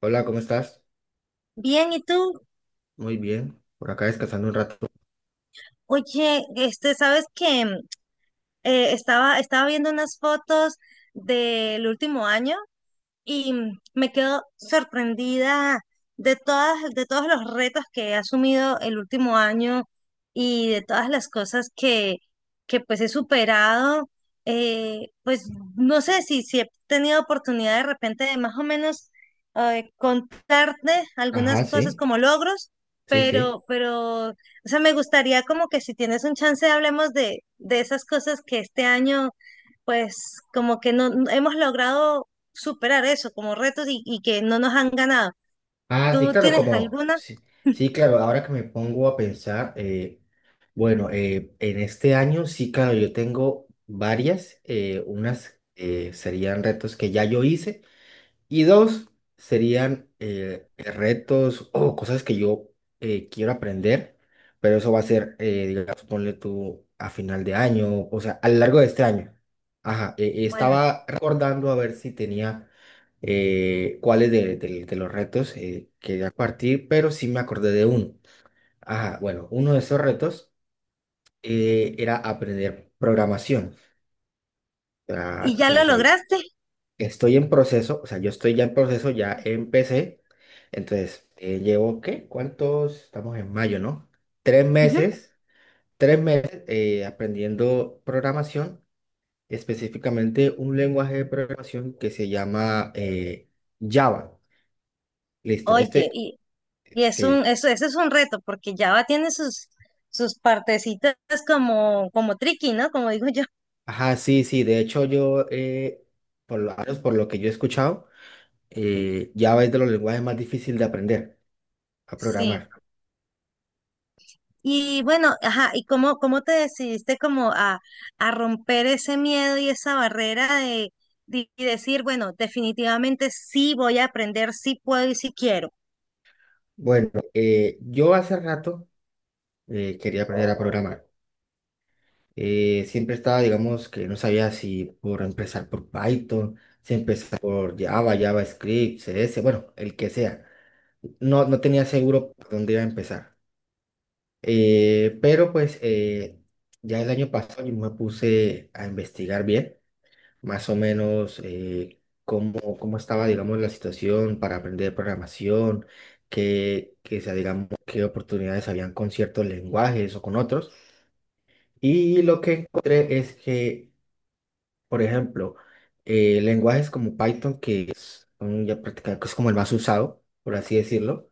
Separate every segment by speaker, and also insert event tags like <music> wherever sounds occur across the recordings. Speaker 1: Hola, ¿cómo estás?
Speaker 2: Bien, ¿y tú?
Speaker 1: Muy bien. Por acá descansando un rato.
Speaker 2: Oye, ¿sabes que estaba viendo unas fotos del último año y me quedo sorprendida de todas, de todos los retos que he asumido el último año y de todas las cosas que pues he superado. Pues no sé si he tenido oportunidad de repente de más o menos contarte algunas
Speaker 1: Ajá,
Speaker 2: cosas
Speaker 1: sí,
Speaker 2: como logros,
Speaker 1: sí, sí.
Speaker 2: pero, o sea, me gustaría como que si tienes un chance hablemos de esas cosas que este año pues como que no hemos logrado superar eso como retos y que no nos han ganado.
Speaker 1: Ah, sí,
Speaker 2: ¿Tú
Speaker 1: claro,
Speaker 2: tienes
Speaker 1: como,
Speaker 2: alguna?
Speaker 1: sí, sí, claro, ahora que me pongo a pensar, bueno, en este año sí, claro, yo tengo varias, unas serían retos que ya yo hice. Y dos serían retos o cosas que yo quiero aprender, pero eso va a ser, digamos, ponle tú a final de año, o sea, a lo largo de este año. Ajá,
Speaker 2: Bueno,
Speaker 1: estaba recordando a ver si tenía cuáles de, de los retos quería partir, pero sí me acordé de uno. Ajá, bueno, uno de esos retos era aprender programación. Ah.
Speaker 2: ¿y ya
Speaker 1: O
Speaker 2: lo
Speaker 1: sea,
Speaker 2: lograste?
Speaker 1: estoy en proceso, o sea, yo estoy ya en proceso, ya empecé. Entonces, llevo, ¿qué? ¿Cuántos? Estamos en mayo, ¿no? Tres
Speaker 2: Ujú.
Speaker 1: meses, tres meses aprendiendo programación, específicamente un lenguaje de programación que se llama Java. Listo,
Speaker 2: Oye,
Speaker 1: este,
Speaker 2: y, y es un,
Speaker 1: sí.
Speaker 2: eso es un reto, porque Java tiene sus, sus partecitas como, como tricky, ¿no? Como digo yo.
Speaker 1: Ajá, sí, sí, de hecho yo, por lo menos por lo que yo he escuchado, Java es de los lenguajes más difíciles de aprender a
Speaker 2: Sí.
Speaker 1: programar.
Speaker 2: Y bueno, ajá, ¿y cómo, cómo te decidiste como a romper ese miedo y esa barrera de y decir, bueno, definitivamente sí voy a aprender, sí puedo y sí quiero?
Speaker 1: Bueno, yo hace rato quería aprender a programar. Siempre estaba, digamos, que no sabía si por empezar por Python, si empezar por Java, JavaScript, CS, bueno, el que sea. No, tenía seguro por dónde iba a empezar. Pero pues ya el año pasado yo me puse a investigar bien, más o menos cómo, cómo estaba, digamos, la situación para aprender programación, qué, o sea, digamos, qué oportunidades habían con ciertos lenguajes o con otros. Y lo que encontré es que, por ejemplo, lenguajes como Python, que son ya prácticamente que es como el más usado, por así decirlo,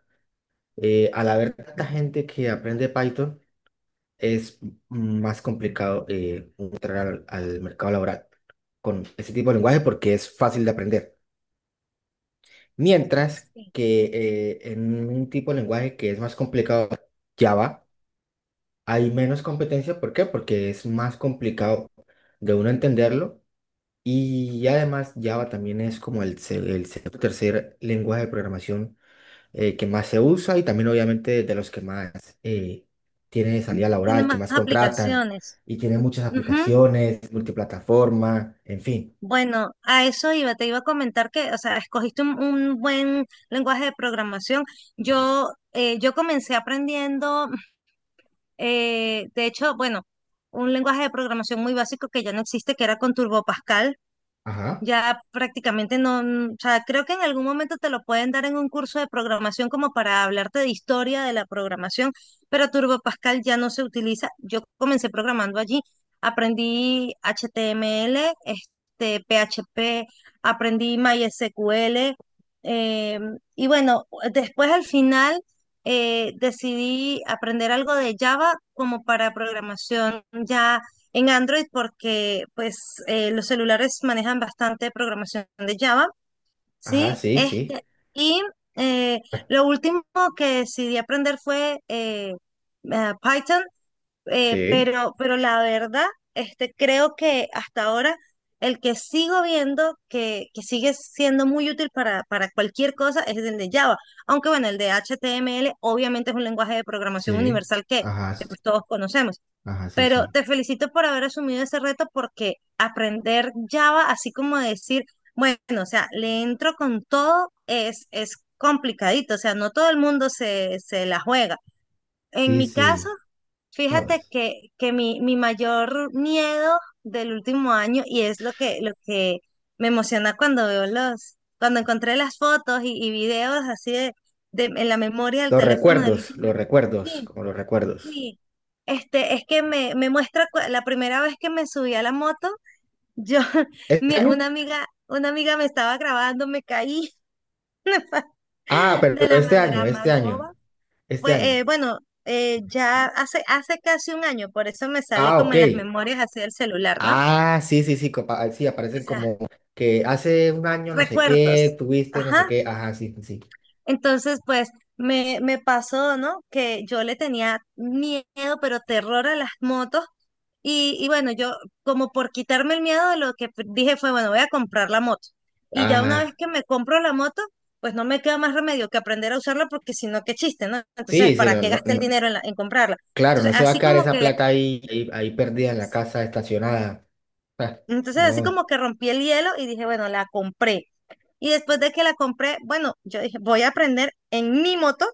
Speaker 1: al haber tanta gente que aprende Python, es más complicado entrar al mercado laboral con ese tipo de lenguaje porque es fácil de aprender. Mientras
Speaker 2: Sí.
Speaker 1: que en un tipo de lenguaje que es más complicado, Java, hay menos competencia. ¿Por qué? Porque es más complicado de uno entenderlo. Y además Java también es como el tercer lenguaje de programación que más se usa y también obviamente de los que más eh, tiene salida
Speaker 2: Tiene
Speaker 1: laboral, que
Speaker 2: más
Speaker 1: más contratan
Speaker 2: aplicaciones.
Speaker 1: y tiene muchas aplicaciones, multiplataforma, en fin.
Speaker 2: Bueno, a eso iba, te iba a comentar que, o sea, escogiste un buen lenguaje de programación. Yo comencé aprendiendo, de hecho, bueno, un lenguaje de programación muy básico que ya no existe, que era con Turbo Pascal.
Speaker 1: Ajá,
Speaker 2: Ya prácticamente no, o sea, creo que en algún momento te lo pueden dar en un curso de programación como para hablarte de historia de la programación, pero Turbo Pascal ya no se utiliza. Yo comencé programando allí, aprendí HTML, este, PHP, aprendí MySQL, eh, y bueno, después al final decidí aprender algo de Java como para programación ya en Android porque pues los celulares manejan bastante programación de Java,
Speaker 1: ajá,
Speaker 2: ¿sí?
Speaker 1: sí, sí.
Speaker 2: Este, y eh,
Speaker 1: Ah,
Speaker 2: lo último que decidí aprender fue Python,
Speaker 1: sí,
Speaker 2: pero la verdad, este, creo que hasta ahora el que sigo viendo que sigue siendo muy útil para cualquier cosa es el de Java. Aunque bueno, el de HTML obviamente es un lenguaje de programación
Speaker 1: sí,
Speaker 2: universal
Speaker 1: ajá,
Speaker 2: que
Speaker 1: sí,
Speaker 2: pues todos conocemos.
Speaker 1: ajá, sí,
Speaker 2: Pero
Speaker 1: sí.
Speaker 2: te felicito por haber asumido ese reto porque aprender Java, así como decir, bueno, o sea, le entro con todo, es complicadito, o sea, no todo el mundo se, se la juega. En
Speaker 1: Sí,
Speaker 2: mi caso,
Speaker 1: sí. No,
Speaker 2: fíjate
Speaker 1: es-
Speaker 2: que mi mayor miedo del último año, y es lo que me emociona cuando veo los, cuando encontré las fotos y videos así de- en la memoria del teléfono del último
Speaker 1: Los
Speaker 2: año.
Speaker 1: recuerdos,
Speaker 2: Sí,
Speaker 1: como los recuerdos.
Speaker 2: sí, este, es que me muestra la primera vez que me subí a la moto, yo, <laughs>
Speaker 1: ¿Este año?
Speaker 2: una amiga me estaba grabando, me caí
Speaker 1: Ah,
Speaker 2: <laughs> de
Speaker 1: pero
Speaker 2: la
Speaker 1: este año,
Speaker 2: manera
Speaker 1: este
Speaker 2: más
Speaker 1: año,
Speaker 2: boba.
Speaker 1: este
Speaker 2: Pues,
Speaker 1: año.
Speaker 2: eh, bueno, eh, ya hace casi un año, por eso me sale
Speaker 1: Ah,
Speaker 2: como
Speaker 1: ok.
Speaker 2: en las memorias así del celular, ¿no?
Speaker 1: Ah, sí, sí, sí, copa- ah, sí,
Speaker 2: O
Speaker 1: aparecen
Speaker 2: sea,
Speaker 1: como que hace un año no sé qué,
Speaker 2: recuerdos.
Speaker 1: tuviste no sé
Speaker 2: Ajá,
Speaker 1: qué, ajá, sí, sí, sí.
Speaker 2: entonces, pues me pasó, ¿no? Que yo le tenía miedo, pero terror a las motos. Y bueno, yo como por quitarme el miedo, lo que dije fue, bueno, voy a comprar la moto. Y ya una vez
Speaker 1: Ah,
Speaker 2: que me compro la moto, pues no me queda más remedio que aprender a usarla porque si no, qué chiste, ¿no? Entonces,
Speaker 1: sí, sí,
Speaker 2: ¿para
Speaker 1: no,
Speaker 2: qué
Speaker 1: no,
Speaker 2: gasté el
Speaker 1: no,
Speaker 2: dinero en comprarla?
Speaker 1: claro, no
Speaker 2: Entonces,
Speaker 1: se va a
Speaker 2: así
Speaker 1: quedar
Speaker 2: como
Speaker 1: esa
Speaker 2: que,
Speaker 1: plata ahí, ahí, ahí perdida en la casa estacionada. Ah,
Speaker 2: entonces así
Speaker 1: no,
Speaker 2: como que rompí el hielo y dije, bueno, la compré. Y después de que la compré, bueno, yo dije, voy a aprender en mi moto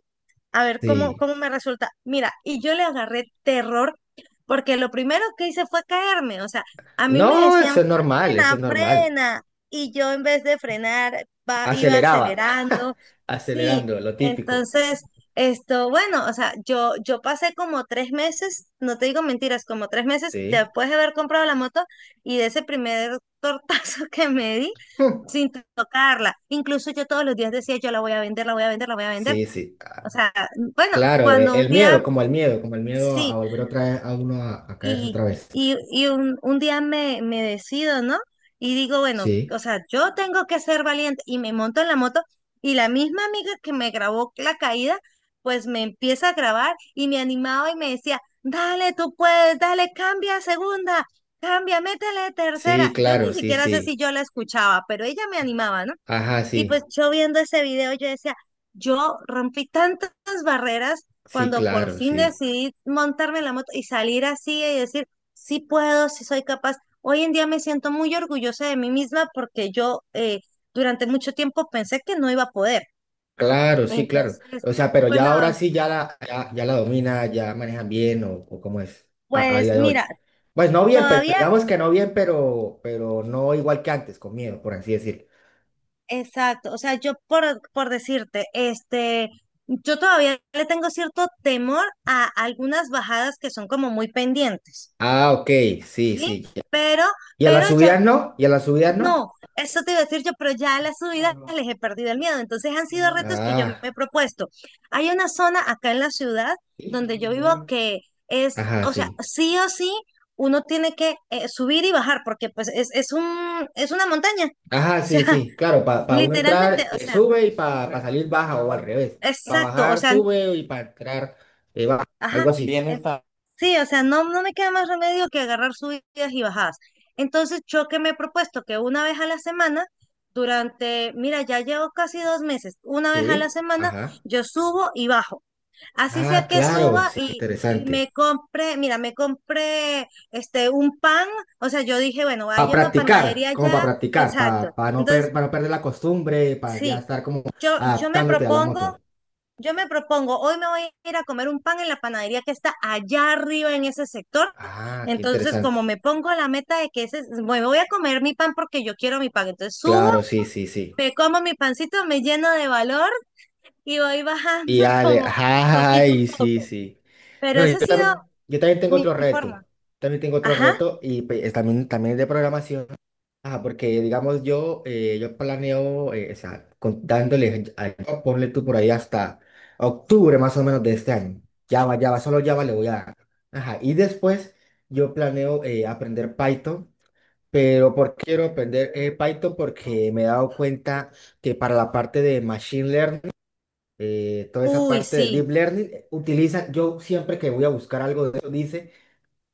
Speaker 2: a ver cómo,
Speaker 1: sí.
Speaker 2: cómo me resulta. Mira, y yo le agarré terror porque lo primero que hice fue caerme. O sea, a mí me
Speaker 1: No,
Speaker 2: decían,
Speaker 1: eso es normal, eso es
Speaker 2: frena,
Speaker 1: normal.
Speaker 2: frena. Y yo en vez de frenar, iba
Speaker 1: Aceleraba,
Speaker 2: acelerando.
Speaker 1: <laughs>
Speaker 2: Sí,
Speaker 1: acelerando, lo típico,
Speaker 2: entonces, esto, bueno, o sea, yo pasé como tres meses, no te digo mentiras, como tres meses
Speaker 1: sí.
Speaker 2: después de haber comprado la moto y de ese primer tortazo <laughs> que me di.
Speaker 1: Hmm,
Speaker 2: Sin tocarla. Incluso yo todos los días decía, yo la voy a vender, la voy a vender, la voy a vender.
Speaker 1: Sí, sí, ah,
Speaker 2: O sea, bueno,
Speaker 1: claro,
Speaker 2: cuando
Speaker 1: e-
Speaker 2: un
Speaker 1: el
Speaker 2: día
Speaker 1: miedo, como el miedo, como el miedo a,
Speaker 2: sí,
Speaker 1: volver otra vez, a uno a caerse
Speaker 2: y,
Speaker 1: otra vez.
Speaker 2: y un día me, me decido, ¿no? Y digo, bueno,
Speaker 1: Sí,
Speaker 2: o sea, yo tengo que ser valiente y me monto en la moto y la misma amiga que me grabó la caída, pues me empieza a grabar y me animaba y me decía, dale, tú puedes, dale, cambia a segunda, cambia, métele tercera.
Speaker 1: sí,
Speaker 2: Yo
Speaker 1: claro,
Speaker 2: ni
Speaker 1: sí,
Speaker 2: siquiera sé si
Speaker 1: sí.
Speaker 2: yo la escuchaba, pero ella me animaba, ¿no?
Speaker 1: Ajá,
Speaker 2: Y pues
Speaker 1: sí,
Speaker 2: yo viendo ese video, yo decía, yo rompí tantas barreras
Speaker 1: sí,
Speaker 2: cuando por
Speaker 1: claro,
Speaker 2: fin
Speaker 1: sí.
Speaker 2: decidí montarme en la moto y salir así y decir, sí puedo, sí soy capaz. Hoy en día me siento muy orgullosa de mí misma porque yo durante mucho tiempo pensé que no iba a poder.
Speaker 1: Claro, sí, claro.
Speaker 2: Entonces,
Speaker 1: O sea, pero
Speaker 2: pues,
Speaker 1: ya ahora sí, ya la, ya, ya la domina, ya manejan bien o cómo es a día
Speaker 2: pues
Speaker 1: de
Speaker 2: mira,
Speaker 1: hoy. Pues no bien, pero
Speaker 2: todavía,
Speaker 1: digamos que no bien, pero no igual que antes, con miedo, por así decirlo.
Speaker 2: exacto, o sea, yo por decirte, este... Yo todavía le tengo cierto temor a algunas bajadas que son como muy pendientes.
Speaker 1: Ah, ok, sí,
Speaker 2: Sí,
Speaker 1: sí, ya.
Speaker 2: pero,
Speaker 1: ¿Y a
Speaker 2: pero
Speaker 1: las
Speaker 2: ya,
Speaker 1: subidas no? ¿Y a las subidas no?
Speaker 2: no, eso te iba a decir yo, pero ya a las
Speaker 1: Ah,
Speaker 2: subidas
Speaker 1: no,
Speaker 2: les he perdido el miedo. Entonces han sido
Speaker 1: no.
Speaker 2: retos que yo me
Speaker 1: Ah,
Speaker 2: he propuesto. Hay una zona acá en la ciudad
Speaker 1: sí,
Speaker 2: donde yo vivo
Speaker 1: no,
Speaker 2: que es,
Speaker 1: ajá,
Speaker 2: o sea,
Speaker 1: sí.
Speaker 2: sí o sí, uno tiene que subir y bajar porque pues es un, es una montaña. O
Speaker 1: Ajá,
Speaker 2: sea,
Speaker 1: sí,
Speaker 2: <laughs>
Speaker 1: sí, claro, para uno bueno,
Speaker 2: literalmente,
Speaker 1: entrar
Speaker 2: o sea,
Speaker 1: sube y para correcto salir baja o al revés. Para
Speaker 2: exacto, o
Speaker 1: bajar
Speaker 2: sea,
Speaker 1: sube y para entrar baja,
Speaker 2: ajá.
Speaker 1: algo así. Viene
Speaker 2: Sí, o sea, no, no me queda más remedio que agarrar subidas y bajadas. Entonces, yo que me he propuesto que una vez a la semana, durante, mira, ya llevo casi dos meses, una vez a la
Speaker 1: sí,
Speaker 2: semana,
Speaker 1: ajá.
Speaker 2: yo subo y bajo. Así sea
Speaker 1: Ah,
Speaker 2: que
Speaker 1: claro,
Speaker 2: suba
Speaker 1: sí,
Speaker 2: y
Speaker 1: interesante.
Speaker 2: me compre, mira, me compré este, un pan, o sea, yo dije, bueno,
Speaker 1: Para
Speaker 2: hay una
Speaker 1: practicar,
Speaker 2: panadería
Speaker 1: como para
Speaker 2: allá,
Speaker 1: practicar,
Speaker 2: exacto.
Speaker 1: para no, per-
Speaker 2: Entonces,
Speaker 1: pa no perder la costumbre, para ya
Speaker 2: sí,
Speaker 1: estar como
Speaker 2: yo me
Speaker 1: adaptándote a la
Speaker 2: propongo,
Speaker 1: moto.
Speaker 2: yo me propongo, hoy me voy a ir a comer un pan en la panadería que está allá arriba en ese sector.
Speaker 1: Ah, qué
Speaker 2: Entonces,
Speaker 1: interesante.
Speaker 2: como me pongo la meta de que ese, me voy a comer mi pan porque yo quiero mi pan. Entonces subo,
Speaker 1: Claro, sí, sí, sí.
Speaker 2: me como mi pancito, me lleno de valor y voy
Speaker 1: Y
Speaker 2: bajando <laughs>
Speaker 1: Ale,
Speaker 2: como poquito
Speaker 1: ay,
Speaker 2: a
Speaker 1: sí,
Speaker 2: poco.
Speaker 1: sí.
Speaker 2: Pero
Speaker 1: Bueno,
Speaker 2: esa ha sido
Speaker 1: yo también tengo
Speaker 2: mi
Speaker 1: otro
Speaker 2: forma.
Speaker 1: reto. También tengo otro
Speaker 2: Ajá.
Speaker 1: reto y pues, es también, también es de programación. Ajá, porque digamos yo, yo planeo, o sea, con- dándole, a- ponle tú por ahí hasta octubre más o menos de este año. Java, Java, solo Java le voy a dar. Ajá, y después yo planeo aprender Python, pero ¿por qué quiero aprender Python? Porque me he dado cuenta que para la parte de Machine Learning, toda esa
Speaker 2: Uy,
Speaker 1: parte de
Speaker 2: sí.
Speaker 1: Deep Learning, utiliza, yo siempre que voy a buscar algo de eso, dice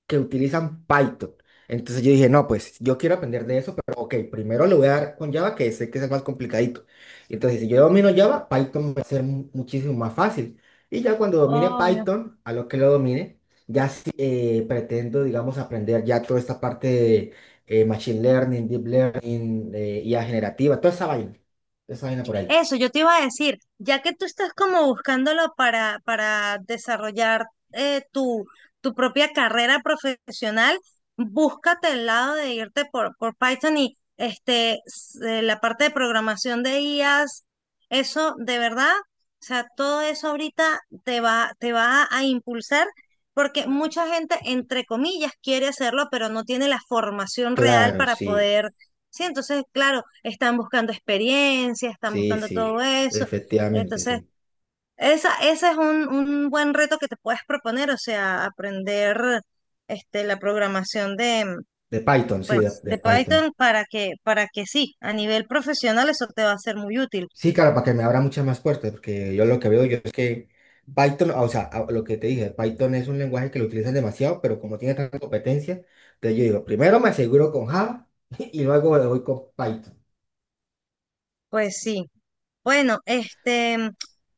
Speaker 1: que utilizan Python. Entonces yo dije, no, pues yo quiero aprender de eso, pero ok, primero le voy a dar con Java, que sé que es el más complicadito. Entonces, si yo domino Java, Python va a ser mu- muchísimo más fácil. Y ya cuando domine
Speaker 2: Obvio.
Speaker 1: Python, a lo que lo domine, ya sí, pretendo, digamos, aprender ya toda esta parte de Machine Learning, Deep Learning, IA generativa, toda esa vaina por ahí.
Speaker 2: Eso, yo te iba a decir, ya que tú estás como buscándolo para desarrollar tu, tu propia carrera profesional, búscate el lado de irte por Python y este, la parte de programación de IAs, eso de verdad, o sea, todo eso ahorita te va a impulsar porque mucha gente, entre comillas, quiere hacerlo, pero no tiene la formación real
Speaker 1: Claro,
Speaker 2: para
Speaker 1: sí.
Speaker 2: poder. Sí, entonces, claro, están buscando experiencia, están
Speaker 1: Sí,
Speaker 2: buscando
Speaker 1: sí,
Speaker 2: todo eso.
Speaker 1: efectivamente,
Speaker 2: Entonces,
Speaker 1: sí.
Speaker 2: esa, ese es un buen reto que te puedes proponer, o sea, aprender este, la programación de,
Speaker 1: De Python, sí,
Speaker 2: pues,
Speaker 1: de
Speaker 2: de
Speaker 1: Python.
Speaker 2: Python para que sí, a nivel profesional eso te va a ser muy útil.
Speaker 1: Sí, claro, para que me abra muchas más puertas, porque yo lo que veo yo es que Python, o sea, a- lo que te dije, Python es un lenguaje que lo utilizan demasiado, pero como tiene tanta competencia, entonces yo digo, primero me aseguro con Java <laughs> y luego le voy con Python.
Speaker 2: Pues sí. Bueno, este,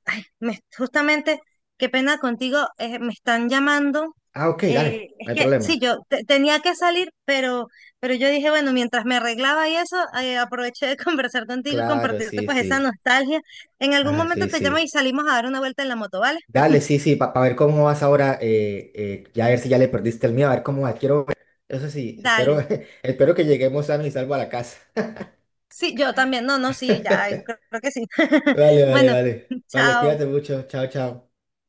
Speaker 2: ay, justamente, qué pena contigo, me están llamando.
Speaker 1: Ah, ok, dale,
Speaker 2: Eh, es
Speaker 1: no hay
Speaker 2: que sí,
Speaker 1: problema.
Speaker 2: yo tenía que salir, pero yo dije, bueno, mientras me arreglaba y eso, aproveché de <laughs> conversar contigo y
Speaker 1: Claro,
Speaker 2: compartirte
Speaker 1: sí,
Speaker 2: pues esa
Speaker 1: sí.
Speaker 2: nostalgia. En algún
Speaker 1: Ajá,
Speaker 2: momento
Speaker 1: sí,
Speaker 2: te llamo y
Speaker 1: sí.
Speaker 2: salimos a dar una vuelta en la moto, ¿vale?
Speaker 1: Dale, sí, sí, para ver cómo vas ahora, ya a ver si ya le perdiste el miedo, a ver cómo vas. Quiero ver. Eso sí, espero,
Speaker 2: Dale.
Speaker 1: <laughs> espero que lleguemos sano y salvo a la casa.
Speaker 2: Sí, yo también. No, no, sí, ya, creo
Speaker 1: <laughs>
Speaker 2: creo que sí. <laughs>
Speaker 1: Vale, vale,
Speaker 2: Bueno,
Speaker 1: vale. Vale,
Speaker 2: chao.
Speaker 1: cuídate mucho. Chao, chao.